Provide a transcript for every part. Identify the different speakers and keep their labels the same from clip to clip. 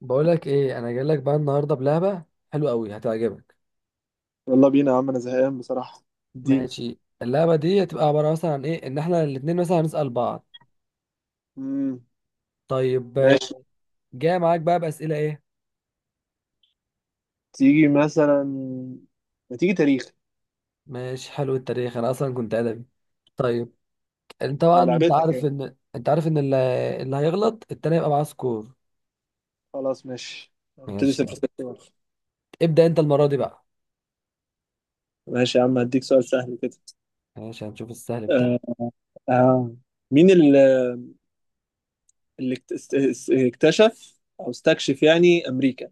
Speaker 1: بقولك ايه؟ انا جاي لك بقى النهارده بلعبه حلوه قوي، هتعجبك.
Speaker 2: يلا بينا يا عم، انا زهقان بصراحة. الدين.
Speaker 1: ماشي، اللعبه دي هتبقى عباره مثلا عن ايه؟ ان احنا الاتنين مثلا هنسال بعض.
Speaker 2: امم
Speaker 1: طيب
Speaker 2: ماشي.
Speaker 1: جاي معاك بقى باسئله ايه.
Speaker 2: تيجي مثلا، ما تيجي تاريخ.
Speaker 1: ماشي، حلو التاريخ، انا اصلا كنت ادبي. طيب، انت طبعا
Speaker 2: ده
Speaker 1: انت
Speaker 2: لعبتك
Speaker 1: عارف
Speaker 2: يعني.
Speaker 1: ان انت عارف ان اللي هيغلط التاني يبقى معاه سكور.
Speaker 2: خلاص، ماشي، هنبتدي
Speaker 1: ماشي
Speaker 2: صفر
Speaker 1: يلا.
Speaker 2: صفر.
Speaker 1: ابدا انت المره دي بقى.
Speaker 2: ماشي يا عم، هديك سؤال سهل كده.
Speaker 1: ماشي، هنشوف السهل بتاعك.
Speaker 2: آه. آه. مين اللي اكتشف او استكشف يعني امريكا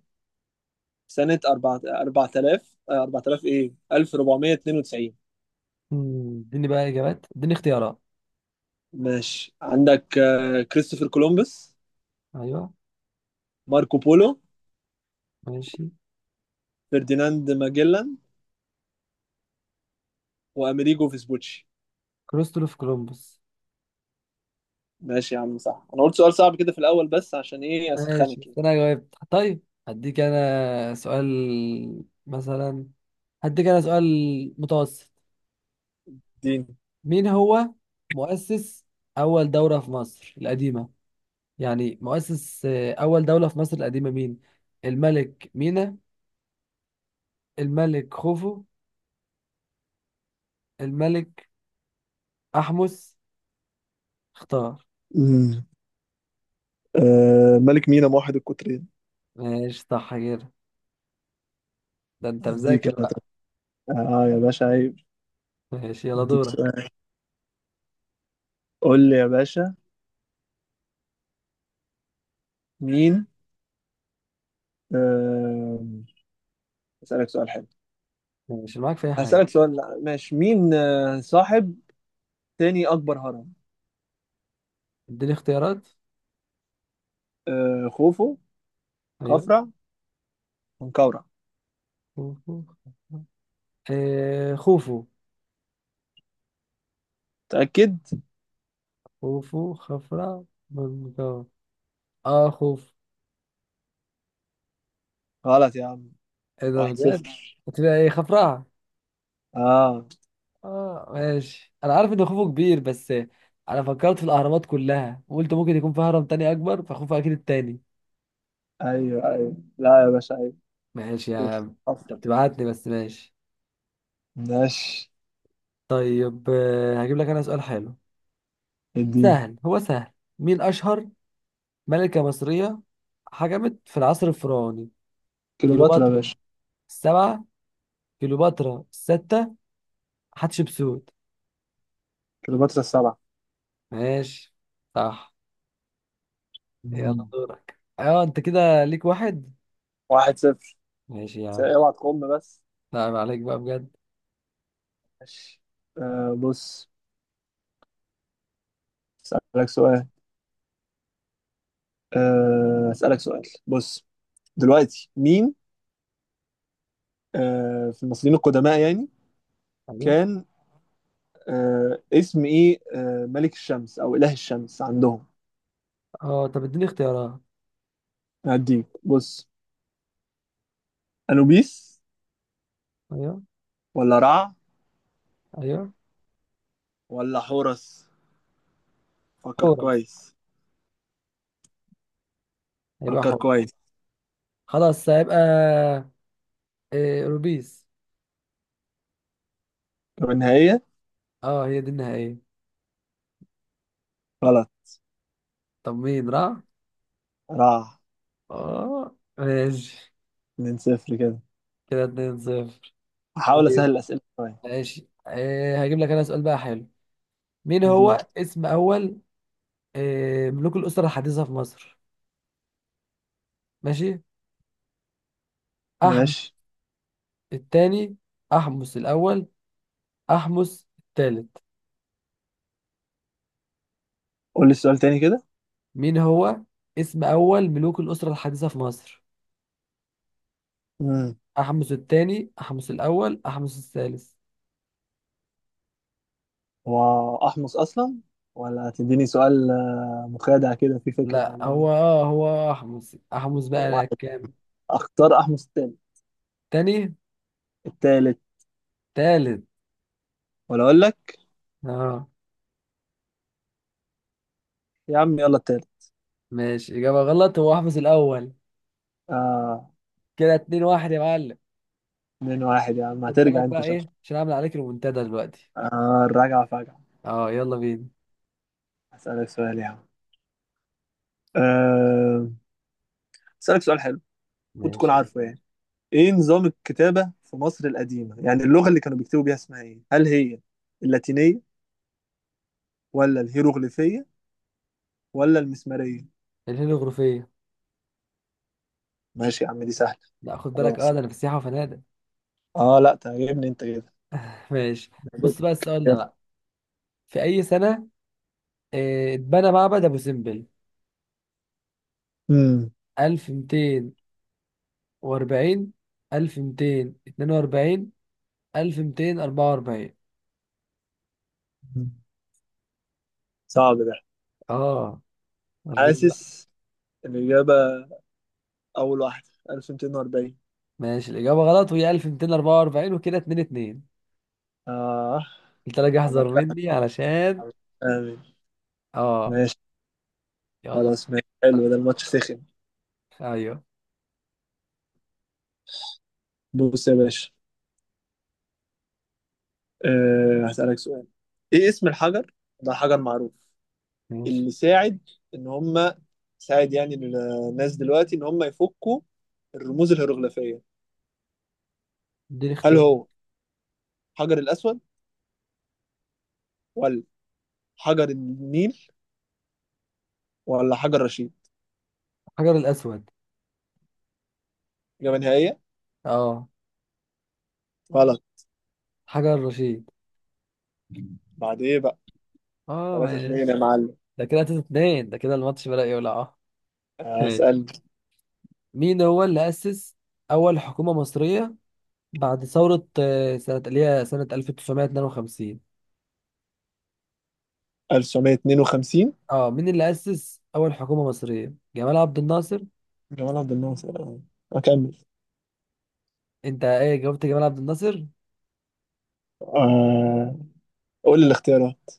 Speaker 2: سنة 4 4000 4000 ايه 1492؟
Speaker 1: اديني بقى اجابات، اديني اختيارات.
Speaker 2: ماشي، عندك كريستوفر كولومبوس،
Speaker 1: ايوه.
Speaker 2: ماركو بولو،
Speaker 1: ماشي.
Speaker 2: فرديناند ماجلان، وامريجو فيسبوتشي.
Speaker 1: كريستوف كولومبوس.
Speaker 2: ماشي يا عم، صح. انا قلت سؤال صعب كده في الاول بس عشان ايه،
Speaker 1: ماشي
Speaker 2: اسخنك
Speaker 1: بس
Speaker 2: يعني.
Speaker 1: انا جاوبت. طيب، هديك انا سؤال مثلا، هديك انا سؤال متوسط.
Speaker 2: اديني.
Speaker 1: مين هو مؤسس اول دولة في مصر القديمة؟ يعني مؤسس اول دولة في مصر القديمة مين؟ الملك مينا، الملك خوفو، الملك احمس. اختار.
Speaker 2: مم. آه، ملك مينا موحد القطرين.
Speaker 1: ماشي صح كده، ده انت
Speaker 2: اديك
Speaker 1: مذاكر
Speaker 2: انا
Speaker 1: بقى.
Speaker 2: طب. اه يا باشا عيب.
Speaker 1: ماشي يلا
Speaker 2: اديك
Speaker 1: دورك.
Speaker 2: سؤال. قول لي يا باشا. مين آه اسالك سؤال حلو.
Speaker 1: ماشي معاك في اي حاجة.
Speaker 2: هسالك سؤال. لا، ماشي. مين صاحب تاني اكبر هرم؟
Speaker 1: اديني اختيارات.
Speaker 2: خوفو،
Speaker 1: ايوه.
Speaker 2: خفرع، منقورع؟
Speaker 1: خوفو. خوفو.
Speaker 2: متاكد؟
Speaker 1: خوفو، خفرع، منقار. اه خوف.
Speaker 2: غلط يا عم.
Speaker 1: ايه ده
Speaker 2: واحد
Speaker 1: بجد؟
Speaker 2: صفر.
Speaker 1: هتبقى ايه؟ خفرع.
Speaker 2: اه.
Speaker 1: اه ماشي، انا عارف ان خوفو كبير، بس انا فكرت في الاهرامات كلها وقلت ممكن يكون في هرم تاني اكبر، فخوفو اكيد التاني.
Speaker 2: ايوه، ايوه، لا يا باشا عيب.
Speaker 1: ماشي يا
Speaker 2: خوفو،
Speaker 1: عم. انت
Speaker 2: خفرع.
Speaker 1: بتبعتني بس، ماشي.
Speaker 2: ماشي،
Speaker 1: طيب هجيب لك انا سؤال حلو
Speaker 2: اديني.
Speaker 1: سهل، هو سهل. مين اشهر ملكة مصرية حكمت في العصر الفرعوني؟
Speaker 2: كليوباترا يا
Speaker 1: كليوباترا
Speaker 2: باشا.
Speaker 1: السبعة، كليوباترا الستة، حتشبسوت.
Speaker 2: كليوباترا السبعة.
Speaker 1: ماشي صح. يلا
Speaker 2: مم.
Speaker 1: دورك. اه انت كده ليك واحد.
Speaker 2: واحد صفر.
Speaker 1: ماشي يا عم.
Speaker 2: اوعى تقوم بس.
Speaker 1: نعم، عليك بقى بجد.
Speaker 2: ماشي. بص، اسألك سؤال. اسألك سؤال. بص، دلوقتي مين في المصريين القدماء يعني
Speaker 1: ايوه.
Speaker 2: كان اسم ايه ملك الشمس او اله الشمس عندهم؟
Speaker 1: اه طب اديني اختيارات.
Speaker 2: هديك بص، انوبيس
Speaker 1: ايوه،
Speaker 2: ولا رع
Speaker 1: ايوه.
Speaker 2: ولا حورس؟ فكر
Speaker 1: حورس،
Speaker 2: كويس.
Speaker 1: هيبقى
Speaker 2: فكر
Speaker 1: حورس.
Speaker 2: كويس.
Speaker 1: خلاص هيبقى إيه؟ روبيس.
Speaker 2: طب النهاية؟
Speaker 1: اه هي دي النهائية.
Speaker 2: غلط.
Speaker 1: طب مين؟ راح.
Speaker 2: رع.
Speaker 1: اه ماشي،
Speaker 2: 2 صفر كده.
Speaker 1: كده 2 0.
Speaker 2: هحاول
Speaker 1: طيب
Speaker 2: اسهل الاسئلة شوية.
Speaker 1: ماشي، إيه؟ هجيب لك انا سؤال بقى حلو. مين
Speaker 2: دي
Speaker 1: هو اسم اول إيه ملوك الاسرة الحديثة في مصر؟ ماشي. احمس
Speaker 2: ماشي.
Speaker 1: الثاني، احمس الاول، احمس الثالث.
Speaker 2: قول لي السؤال تاني كده.
Speaker 1: مين هو اسم أول ملوك الأسرة الحديثة في مصر؟
Speaker 2: امم
Speaker 1: أحمس الثاني، أحمس الأول، أحمس الثالث.
Speaker 2: هو احمص اصلا ولا هتديني سؤال مخادع كده في فكره
Speaker 1: لا
Speaker 2: ولا
Speaker 1: هو
Speaker 2: ايه؟
Speaker 1: هو أحمس. بقى أنا
Speaker 2: واحد.
Speaker 1: كام؟
Speaker 2: اختار احمص التاني.
Speaker 1: تاني،
Speaker 2: التالت؟
Speaker 1: تالت.
Speaker 2: ولا اقول لك.
Speaker 1: آه
Speaker 2: يا عم يلا التالت.
Speaker 1: ماشي، إجابة غلط، هو أحمس الأول.
Speaker 2: اه.
Speaker 1: كده اتنين واحد يا معلم.
Speaker 2: اتنين واحد يا عم،
Speaker 1: خد بالك
Speaker 2: هترجع انت
Speaker 1: بقى
Speaker 2: شكلك.
Speaker 1: إيه، عشان أعمل عليك المنتدى دلوقتي.
Speaker 2: اه، الرجعه فجعه.
Speaker 1: آه يلا بينا.
Speaker 2: هسألك سؤال يا عم. آه، هسألك سؤال حلو. المفروض تكون
Speaker 1: ماشي.
Speaker 2: عارفه يعني. ايه نظام الكتابه في مصر القديمه؟ يعني اللغه اللي كانوا بيكتبوا بيها اسمها ايه؟ هل هي اللاتينيه ولا الهيروغليفيه ولا المسماريه؟
Speaker 1: الهيل الغرفية.
Speaker 2: ماشي يا عم، دي سهلة.
Speaker 1: لا خد بالك،
Speaker 2: خلاص.
Speaker 1: ده أنا في سياحة وفنادق.
Speaker 2: اه لا، تعجبني انت كده.
Speaker 1: ماشي. بص بقى السؤال ده بقى. في أي سنة اتبنى معبد أبو سمبل؟
Speaker 2: امم
Speaker 1: 1200 وأربعين، ألف ميتين اتنين وأربعين، ألف ميتين أربعة وأربعين.
Speaker 2: صعب ده.
Speaker 1: اه وريني بقى.
Speaker 2: حاسس الإجابة. أول واحدة 1240.
Speaker 1: ماشي، الإجابة غلط، وهي ألف ميتين أربعة وأربعين، وكده اتنين اتنين.
Speaker 2: اه،
Speaker 1: قلت لك احذر
Speaker 2: عملتها.
Speaker 1: مني علشان.
Speaker 2: آمين.
Speaker 1: اه
Speaker 2: ماشي.
Speaker 1: يلا.
Speaker 2: خلاص. ماشي حلو، ده الماتش سخن.
Speaker 1: أيوه.
Speaker 2: بص يا باشا. هسألك سؤال. ايه اسم الحجر ده؟ حجر معروف
Speaker 1: ماشي.
Speaker 2: اللي ساعد ان هم، ساعد يعني الناس دلوقتي ان هم يفكوا الرموز الهيروغليفية.
Speaker 1: اديني
Speaker 2: هل
Speaker 1: اختيار.
Speaker 2: هو حجر الأسود ولا حجر النيل ولا حجر رشيد؟
Speaker 1: حجر الأسود.
Speaker 2: إجابة نهائية؟
Speaker 1: اه
Speaker 2: غلط.
Speaker 1: حجر الرشيد.
Speaker 2: بعد إيه بقى.
Speaker 1: اه
Speaker 2: 3 2 يا
Speaker 1: ماشي،
Speaker 2: معلم.
Speaker 1: ده كده تلاتة اتنين، ده كده الماتش بدأ يولع. اه ماشي.
Speaker 2: أسأل.
Speaker 1: مين هو اللي أسس أول حكومة مصرية بعد ثورة سنة اللي هي سنة 1952؟
Speaker 2: 1952.
Speaker 1: اه مين اللي أسس أول حكومة مصرية؟ جمال عبد الناصر.
Speaker 2: جمال عبد الناصر. أكمل.
Speaker 1: أنت إيه جاوبت؟ جمال عبد الناصر؟
Speaker 2: آه. قول لي الاختيارات.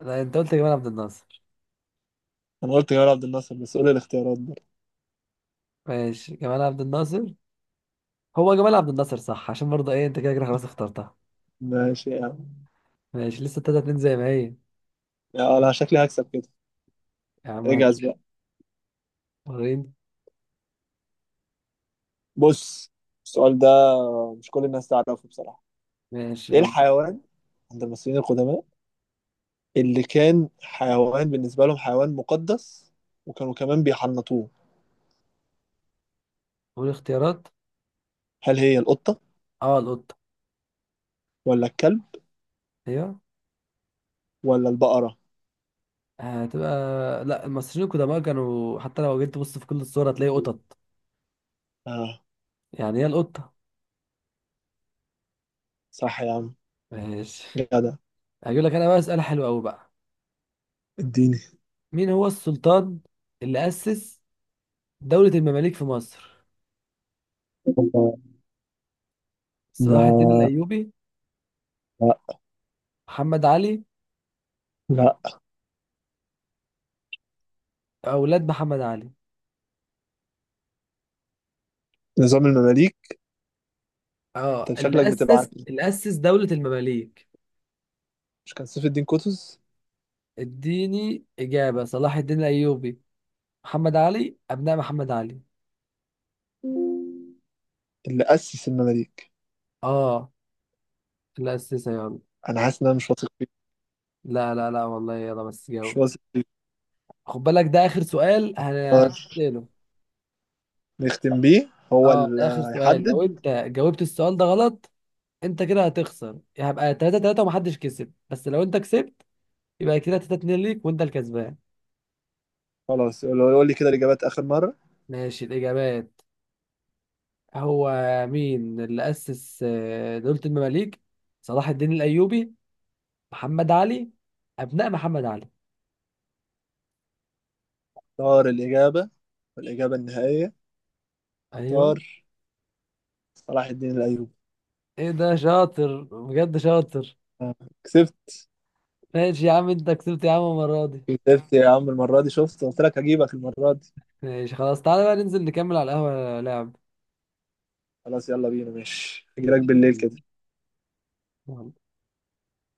Speaker 1: لا أنت قلت جمال عبد الناصر.
Speaker 2: أنا قلت جمال عبد الناصر بس قول لي الاختيارات برضه.
Speaker 1: ماشي، جمال عبد الناصر، هو جمال عبد الناصر صح، عشان برضه إيه أنت كده كده خلاص اخترتها.
Speaker 2: ماشي يا عم.
Speaker 1: ماشي لسه تلاتة اتنين زي ما هي.
Speaker 2: يا أنا شكلي هكسب كده.
Speaker 1: يا عم
Speaker 2: اجهز
Speaker 1: هنشوف.
Speaker 2: بقى.
Speaker 1: وريني.
Speaker 2: بص السؤال ده مش كل الناس تعرفه بصراحة.
Speaker 1: ماشي
Speaker 2: إيه
Speaker 1: يلا.
Speaker 2: الحيوان عند المصريين القدماء اللي كان حيوان بالنسبة لهم؟ حيوان مقدس وكانوا كمان بيحنطوه.
Speaker 1: قول اختيارات.
Speaker 2: هل هي القطة
Speaker 1: اه القطة.
Speaker 2: ولا الكلب
Speaker 1: أيوه.
Speaker 2: ولا البقرة؟
Speaker 1: هتبقى لا، المصريين القدماء كانوا حتى لو جيت تبص في كل الصور هتلاقي قطط،
Speaker 2: آه،
Speaker 1: يعني هي القطة.
Speaker 2: صح يا عم.
Speaker 1: ماشي.
Speaker 2: جدع.
Speaker 1: هجيب لك أنا بقى سؤال حلو أوي بقى.
Speaker 2: اديني.
Speaker 1: مين هو السلطان اللي أسس دولة المماليك في مصر؟ صلاح الدين
Speaker 2: لا،
Speaker 1: الأيوبي،
Speaker 2: لا،
Speaker 1: محمد علي،
Speaker 2: لا.
Speaker 1: أولاد محمد علي.
Speaker 2: نظام المماليك.
Speaker 1: اه
Speaker 2: انت شكلك
Speaker 1: اللي
Speaker 2: بتبقى عارف.
Speaker 1: أسس اللي أسس دولة المماليك.
Speaker 2: مش كان سيف الدين قطز
Speaker 1: اديني إجابة. صلاح الدين الأيوبي، محمد علي، أبناء محمد علي.
Speaker 2: اللي أسس المماليك؟
Speaker 1: اه اللي أسسها يلا.
Speaker 2: أنا حاسس إن أنا مش واثق فيه.
Speaker 1: لا لا لا والله، يلا بس
Speaker 2: مش
Speaker 1: جاوب.
Speaker 2: واثق فيه.
Speaker 1: خد بالك، ده آخر سؤال
Speaker 2: آه،
Speaker 1: هنسأله.
Speaker 2: نختم بيه. هو
Speaker 1: اه ده آخر
Speaker 2: اللي
Speaker 1: سؤال، لو
Speaker 2: هيحدد.
Speaker 1: أنت جاوبت السؤال ده غلط، أنت كده هتخسر، هبقى 3 3 ومحدش كسب. بس لو أنت كسبت، يبقى كده 3 2 ليك، وأنت الكسبان.
Speaker 2: خلاص. لو يقول لي كده الإجابات آخر مرة.
Speaker 1: ماشي الإجابات. هو مين اللي أسس دولة المماليك؟ صلاح الدين الأيوبي، محمد علي، أبناء محمد علي.
Speaker 2: طار الإجابة. والإجابة النهائية.
Speaker 1: أيوه.
Speaker 2: طار. صلاح الدين الأيوبي.
Speaker 1: إيه ده؟ شاطر بجد، شاطر.
Speaker 2: آه، كسبت.
Speaker 1: ماشي يا عم، أنت كسبت يا عم المرة دي.
Speaker 2: كسبت يا عم المرة دي. شفت، قلت لك هجيبك المرة دي.
Speaker 1: ماشي خلاص، تعالى بقى ننزل نكمل على القهوة لعب.
Speaker 2: خلاص يلا بينا، ماشي. هجيلك
Speaker 1: ماشي يا
Speaker 2: بالليل
Speaker 1: فندم.
Speaker 2: كده.
Speaker 1: يلا.